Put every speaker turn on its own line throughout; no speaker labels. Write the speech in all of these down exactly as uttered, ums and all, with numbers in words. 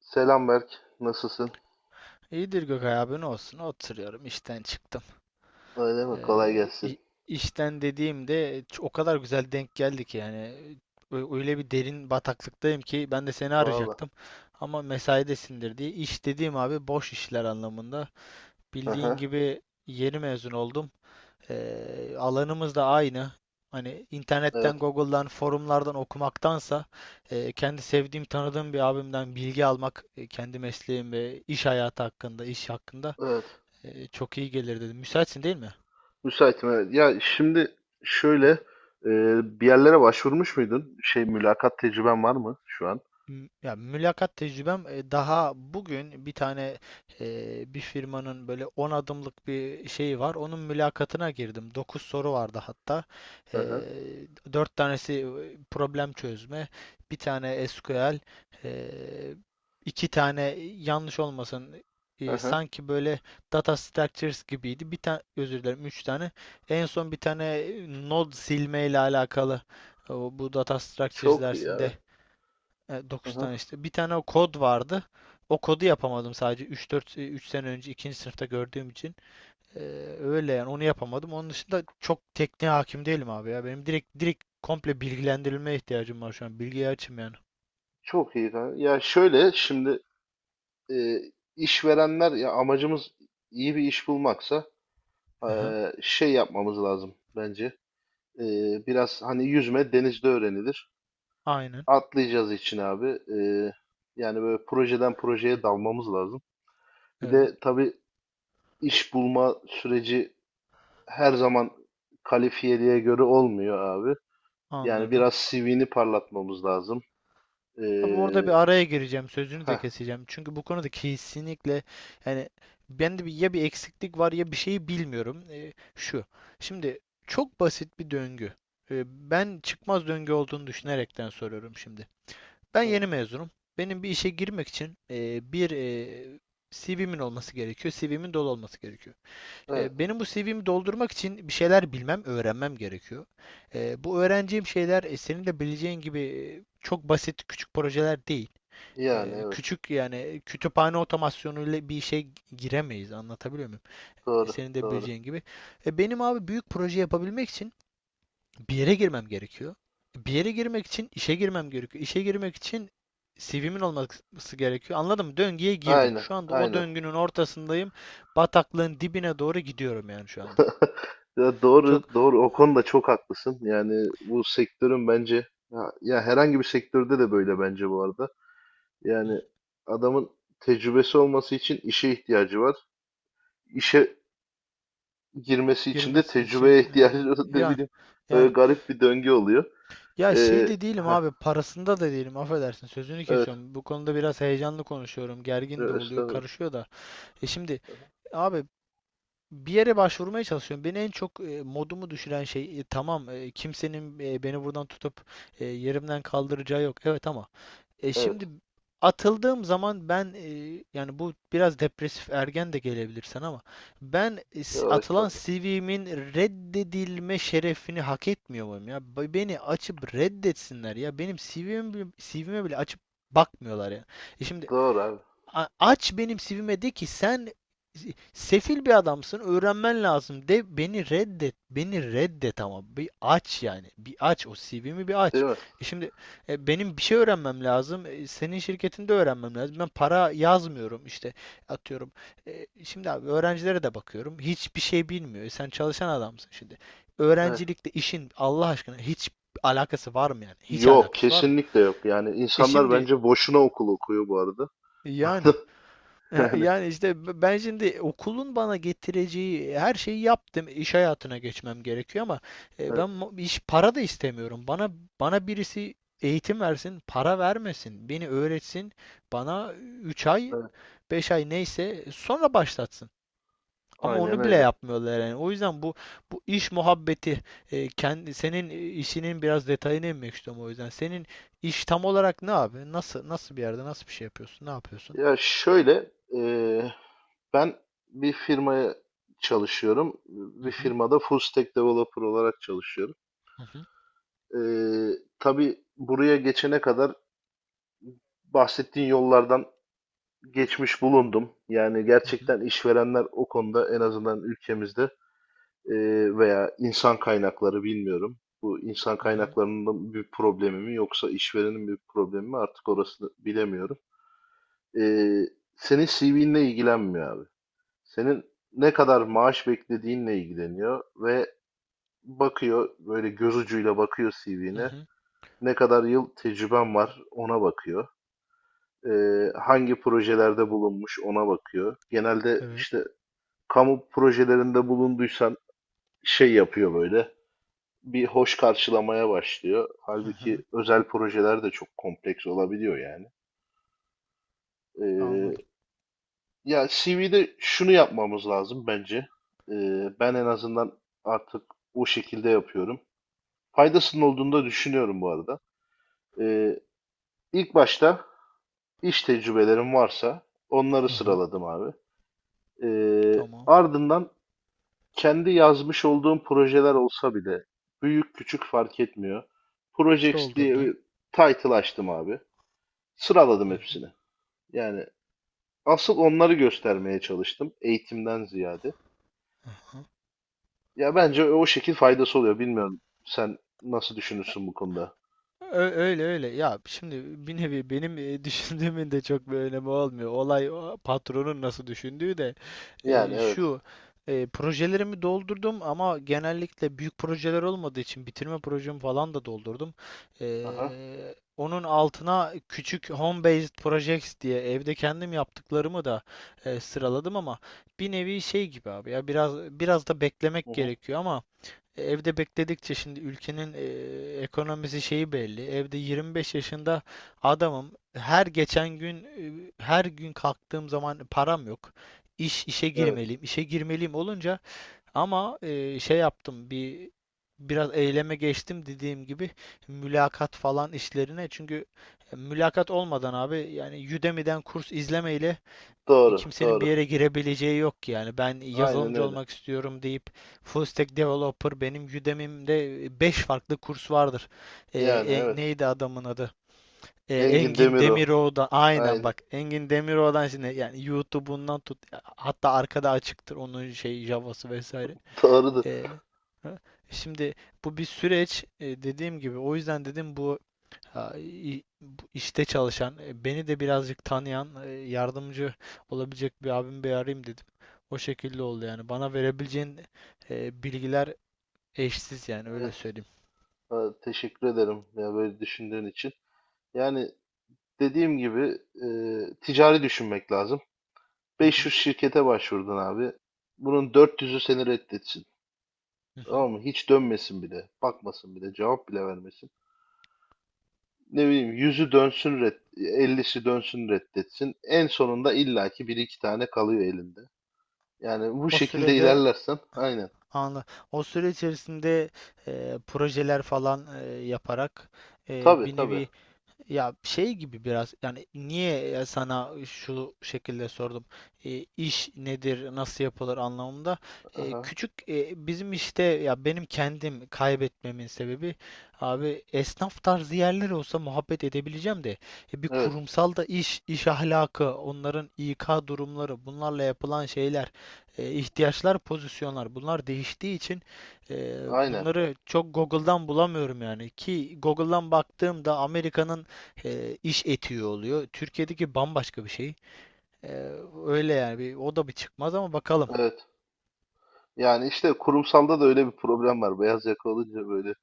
Selam Berk. Nasılsın?
İyidir Gökay abi, ne olsun, oturuyorum, işten çıktım.
Öyle mi? Kolay
Ee,
gelsin.
i- işten dediğimde ç- o kadar güzel denk geldi ki, yani Ö- öyle bir derin bataklıktayım ki ben de seni
Valla.
arayacaktım. Ama mesaidesindir diye. İş dediğim abi, boş işler anlamında.
Hı
Bildiğin
hı.
gibi yeni mezun oldum. Ee, alanımız da aynı. Hani internetten,
Evet.
Google'dan, forumlardan okumaktansa e, kendi sevdiğim, tanıdığım bir abimden bilgi almak, e, kendi mesleğim ve iş hayatı hakkında, iş hakkında
Evet.
ee, çok iyi gelir dedim. Müsaitsin değil mi?
Müsaitim, evet. Ya şimdi şöyle, e, bir yerlere başvurmuş muydun? Şey, mülakat tecrüben var mı şu an?
M- Ya mülakat tecrübem, e, daha bugün bir tane e, bir firmanın böyle on adımlık bir şeyi var. Onun mülakatına girdim. Dokuz soru vardı hatta.
Hı
E,
hı.
dört tanesi e, problem çözme, bir tane S Q L, e, iki tane, yanlış olmasın,
Hı
e,
hı.
sanki böyle data structures gibiydi. Bir tane, özür dilerim, üç tane. En son bir tane e, node silme ile alakalı, e, bu data structures
Çok iyi
dersinde,
abi.
e,
Hı
dokuz
hı.
tane işte. Bir tane o kod vardı. O kodu yapamadım, sadece üç dört üç sene önce ikinci sınıfta gördüğüm için. E, Öyle yani, onu yapamadım. Onun dışında çok tekniğe hakim değilim abi ya. Benim direkt direkt komple bilgilendirilmeye ihtiyacım var şu an. Bilgiye açım yani.
Çok iyi, kanka. Ya şöyle şimdi, e, işverenler, ya amacımız iyi bir iş bulmaksa,
Aha,
e, şey yapmamız lazım bence. E, Biraz hani yüzme denizde öğrenilir.
aynen.
Atlayacağız için abi. Ee, yani böyle projeden projeye dalmamız lazım. Bir
Evet.
de tabii iş bulma süreci her zaman kalifiyeliğe göre olmuyor abi. Yani
Anladım.
biraz C V'ni parlatmamız lazım.
Abi,
Ee,
orada bir araya gireceğim, sözünü de
heh,
keseceğim. Çünkü bu konuda kesinlikle yani bende bir, ya bir eksiklik var ya bir şeyi bilmiyorum. Ee, şu. Şimdi çok basit bir döngü. Ee, ben çıkmaz döngü olduğunu
aha,
düşünerekten soruyorum şimdi. Ben
evet,
yeni mezunum. Benim bir işe girmek için e, bir e, si vimin olması gerekiyor. si vimin dolu olması gerekiyor.
evet.
E, benim bu si vimi doldurmak için bir şeyler bilmem, öğrenmem gerekiyor. E, bu öğreneceğim şeyler, e, senin de bileceğin gibi, e, çok basit küçük projeler değil.
Yani
E,
evet.
küçük yani e, kütüphane otomasyonuyla bir işe giremeyiz. Anlatabiliyor muyum? E,
Doğru,
senin de
doğru.
bileceğin gibi. E, benim abi, büyük proje yapabilmek için bir yere girmem gerekiyor. Bir yere girmek için işe girmem gerekiyor. İşe girmek için si vimin olması gerekiyor. Anladın mı? Döngüye girdim.
Aynen,
Şu anda o
aynen.
döngünün ortasındayım. Bataklığın dibine doğru gidiyorum yani şu anda.
Ya
Çok
doğru, doğru. O konuda çok haklısın. Yani bu sektörün bence, ya, ya herhangi bir sektörde de böyle bence bu arada. Yani adamın tecrübesi olması için işe ihtiyacı var. İşe girmesi için de
girmesi
tecrübeye
için e,
ihtiyacı var. Ne
yani
bileyim.
yani
Böyle garip bir döngü oluyor.
ya şey
Ee,
de değilim
heh,
abi, parasında da değilim, affedersin sözünü
evet.
kesiyorum. Bu konuda biraz heyecanlı konuşuyorum, gergin de
Yo,
oluyor,
estağfurullah.
karışıyor da. E şimdi abi, bir yere başvurmaya çalışıyorum. Beni en çok e, modumu düşüren şey, e, tamam e, kimsenin e, beni buradan tutup e, yerimden kaldıracağı yok. Evet ama e,
Evet.
şimdi atıldığım zaman ben, e, yani bu biraz depresif ergen de gelebilir sana ama ben, e, s-
Yo,
atılan
estağfurullah.
si vimin reddedilme şerefini hak etmiyor muyum ya? Be- Beni açıp reddetsinler ya. Benim si vim, bile- si vime bile açıp bakmıyorlar ya. E şimdi
Doğru abi.
A- aç benim sivime de ki sen sefil bir adamsın, öğrenmen lazım, de, beni reddet. Beni reddet ama bir aç yani. Bir aç o si vimi, bir
Değil
aç.
mi?
E şimdi e, benim bir şey öğrenmem lazım. E, senin şirketinde öğrenmem lazım. Ben para yazmıyorum işte, atıyorum. E, şimdi abi, öğrencilere de bakıyorum. Hiçbir şey bilmiyor. E, sen çalışan adamsın şimdi.
Evet.
Öğrencilikle işin Allah aşkına hiç alakası var mı yani? Hiç
Yok.
alakası var mı?
Kesinlikle yok. Yani
E
insanlar
şimdi
bence boşuna okul okuyor bu arada.
yani E,
Yani
Yani işte ben şimdi okulun bana getireceği her şeyi yaptım. İş hayatına geçmem gerekiyor ama e, ben
evet.
mo- iş para da istemiyorum. Bana bana birisi eğitim versin, para vermesin, beni öğretsin, bana üç ay,
Evet.
beş ay neyse sonra başlatsın. Ama
Aynen
onu bile
öyle.
yapmıyorlar yani. O yüzden bu bu iş muhabbeti, e, kendi senin işinin biraz detayına inmek istiyorum o yüzden. Senin iş tam olarak ne abi? Nasıl nasıl bir yerde nasıl bir şey yapıyorsun? Ne yapıyorsun?
Ya şöyle. ee, Ben bir firmaya çalışıyorum.
Hı
Bir
hı,
firmada full stack developer olarak çalışıyorum.
hı hı,
Ee, tabii buraya geçene kadar bahsettiğin yollardan geçmiş bulundum. Yani
hı hı.
gerçekten işverenler o konuda en azından ülkemizde, e, veya insan kaynakları, bilmiyorum. Bu insan
Hı hı.
kaynaklarının bir problemi mi yoksa işverenin bir problemi mi, artık orasını bilemiyorum. Ee, Senin C V'nle ilgilenmiyor abi. Senin ne kadar maaş beklediğinle ilgileniyor ve bakıyor, böyle göz ucuyla bakıyor
Hı
C V'ne.
hı.
Ne kadar yıl tecrüben var, ona bakıyor. Ee, hangi projelerde bulunmuş, ona bakıyor. Genelde
Evet.
işte kamu projelerinde bulunduysan şey yapıyor böyle. Bir hoş karşılamaya başlıyor.
Hı hı.
Halbuki özel projeler de çok kompleks olabiliyor yani. Ee,
Anladım.
ya C V'de şunu yapmamız lazım bence. Ee, ben en azından artık o şekilde yapıyorum. Faydasının olduğunu da düşünüyorum bu arada. Ee, İlk başta iş tecrübelerim varsa onları
Hı hı.
sıraladım abi. Ee,
Tamam.
ardından kendi yazmış olduğum projeler olsa bile, büyük küçük fark etmiyor, Projects diye
Doldurdun.
bir title açtım abi. Sıraladım
Hı hı.
hepsini. Yani asıl onları göstermeye çalıştım, eğitimden ziyade.
Hı hı.
Ya bence o şekil faydası oluyor. Bilmiyorum, sen nasıl düşünürsün bu konuda?
Ö- Öyle öyle. Ya şimdi bir nevi benim, e, düşündüğümün de çok bir önemi olmuyor. Olay o patronun nasıl düşündüğü de.
Yani
e,
evet.
şu e, Projelerimi doldurdum ama genellikle büyük projeler olmadığı için bitirme projemi falan da doldurdum.
Aha.
E, onun altına küçük home based projects diye evde kendim yaptıklarımı da e, sıraladım ama bir nevi şey gibi abi ya, biraz biraz da
Hı
beklemek
hı.
gerekiyor ama evde bekledikçe şimdi ülkenin e, ekonomisi şeyi belli. Evde yirmi beş yaşında adamım. Her geçen gün, e, her gün kalktığım zaman param yok. İş işe
Evet.
girmeliyim. İşe girmeliyim olunca ama e, şey yaptım, bir biraz eyleme geçtim dediğim gibi mülakat falan işlerine. Çünkü e, mülakat olmadan abi, yani Udemy'den kurs izlemeyle
Doğru,
kimsenin bir
doğru.
yere girebileceği yok ki, yani. Ben
Aynen
yazılımcı
öyle.
olmak istiyorum deyip full stack developer, benim Udemy'mde e, beş farklı kurs vardır. Ee,
Yani
e,
evet.
neydi adamın adı? Ee,
Engin
Engin
Demiro.
Demiroğlu'dan, aynen
Aynen.
bak, Engin Demiroğlu'dan şimdi yani, YouTube'undan tut, hatta arkada açıktır onun şey Java'sı vesaire.
Doğrudur.
Ee, Şimdi bu bir süreç, e, dediğim gibi, o yüzden dedim bu Ha, i- işte çalışan, e, beni de birazcık tanıyan, e, yardımcı olabilecek bir abimi bir arayayım dedim. O şekilde oldu yani. Bana verebileceğin e, bilgiler eşsiz yani, öyle
Evet.
söyleyeyim.
Ha, teşekkür ederim ya böyle düşündüğün için. Yani dediğim gibi, e, ticari düşünmek lazım.
Hı hı,
beş yüz şirkete başvurdun abi. Bunun dört yüzü seni reddetsin.
hı hı.
Tamam mı? Hiç dönmesin bile. Bakmasın bile. Cevap bile vermesin. Ne bileyim, yüzü dönsün red, ellisi dönsün reddetsin. En sonunda illaki bir iki tane kalıyor elinde. Yani bu
O
şekilde
sürede,
ilerlersen, aynen.
anla, o süre içerisinde e, projeler falan e, yaparak e,
Tabii
bir
tabii.
nevi ya şey gibi biraz, yani niye e, sana şu şekilde sordum. E, iş nedir, nasıl yapılır anlamında. E,
Aha.
küçük e, bizim işte, ya benim kendim kaybetmemin sebebi abi, esnaf tarzı yerler olsa muhabbet edebileceğim de, e, bir
Evet.
kurumsal da iş iş ahlakı, onların İK durumları, bunlarla yapılan şeyler, e, ihtiyaçlar, pozisyonlar, bunlar değiştiği için, e,
Aynen.
bunları çok Google'dan bulamıyorum yani, ki Google'dan baktığımda Amerika'nın e, iş etiği oluyor. Türkiye'deki bambaşka bir şey. E, Öyle yani, bir, o da bir çıkmaz ama bakalım.
Evet. Yani işte kurumsalda da öyle bir problem var. Beyaz yaka olunca böyle,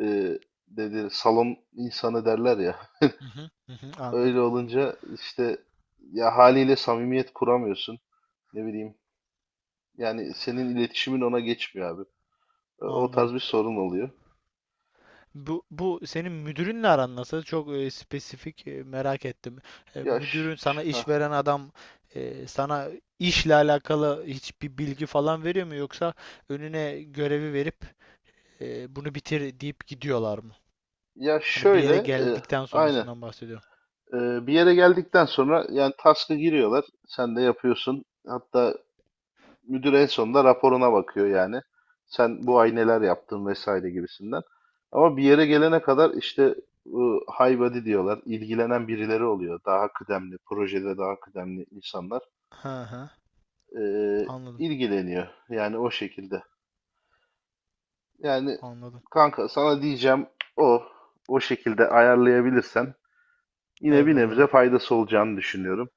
e, dedi salon insanı derler ya.
Hı hı, hı hı,
Öyle
anladım anladım.
olunca işte, ya haliyle samimiyet kuramıyorsun. Ne bileyim. Yani senin iletişimin ona geçmiyor abi. E, o
Anladım.
tarz bir sorun oluyor.
Bu, bu senin müdürünle aran nasıl? Çok e, spesifik e, merak ettim. E,
Ya ş-
müdürün,
ş-
sana iş
ha.
veren adam, e, sana işle alakalı hiçbir bilgi falan veriyor mu, yoksa önüne görevi verip e, bunu bitir deyip gidiyorlar mı?
Ya
Hani bir
şöyle,
yere
e,
geldikten
aynen.
sonrasından bahsediyorum.
E, bir yere geldikten sonra yani task'a giriyorlar. Sen de yapıyorsun. Hatta müdür en sonunda raporuna bakıyor yani. Sen bu ay neler yaptın vesaire gibisinden. Ama bir yere gelene kadar işte bu high body diyorlar, ilgilenen birileri oluyor. Daha kıdemli, projede daha kıdemli insanlar
Hı hı.
eee,
Anladım.
ilgileniyor. Yani o şekilde. Yani
Anladım.
kanka, sana diyeceğim o. O şekilde ayarlayabilirsen yine bir nebze
Eyvallah.
faydası olacağını düşünüyorum.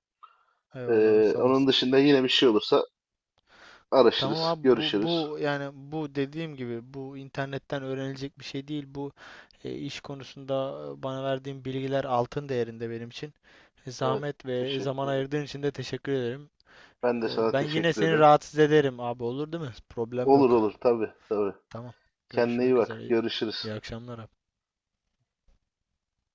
Eyvallah abi,
Eee,
sağ
onun
olasın.
dışında yine bir şey olursa
Tamam
araşırız,
abi, bu
görüşürüz.
bu yani, bu dediğim gibi bu internetten öğrenilecek bir şey değil. Bu e, iş konusunda e, bana verdiğin bilgiler altın değerinde benim için. E,
Evet,
Zahmet ve
teşekkür
zaman
ederim.
ayırdığın için de teşekkür ederim.
Ben de
E,
sana
ben yine
teşekkür
seni
ederim.
rahatsız ederim abi, olur değil mi? Problem
Olur
yok.
olur, tabii tabii.
Tamam.
Kendine iyi
Görüşmek üzere.
bak.
İyi,
Görüşürüz.
iyi akşamlar abi.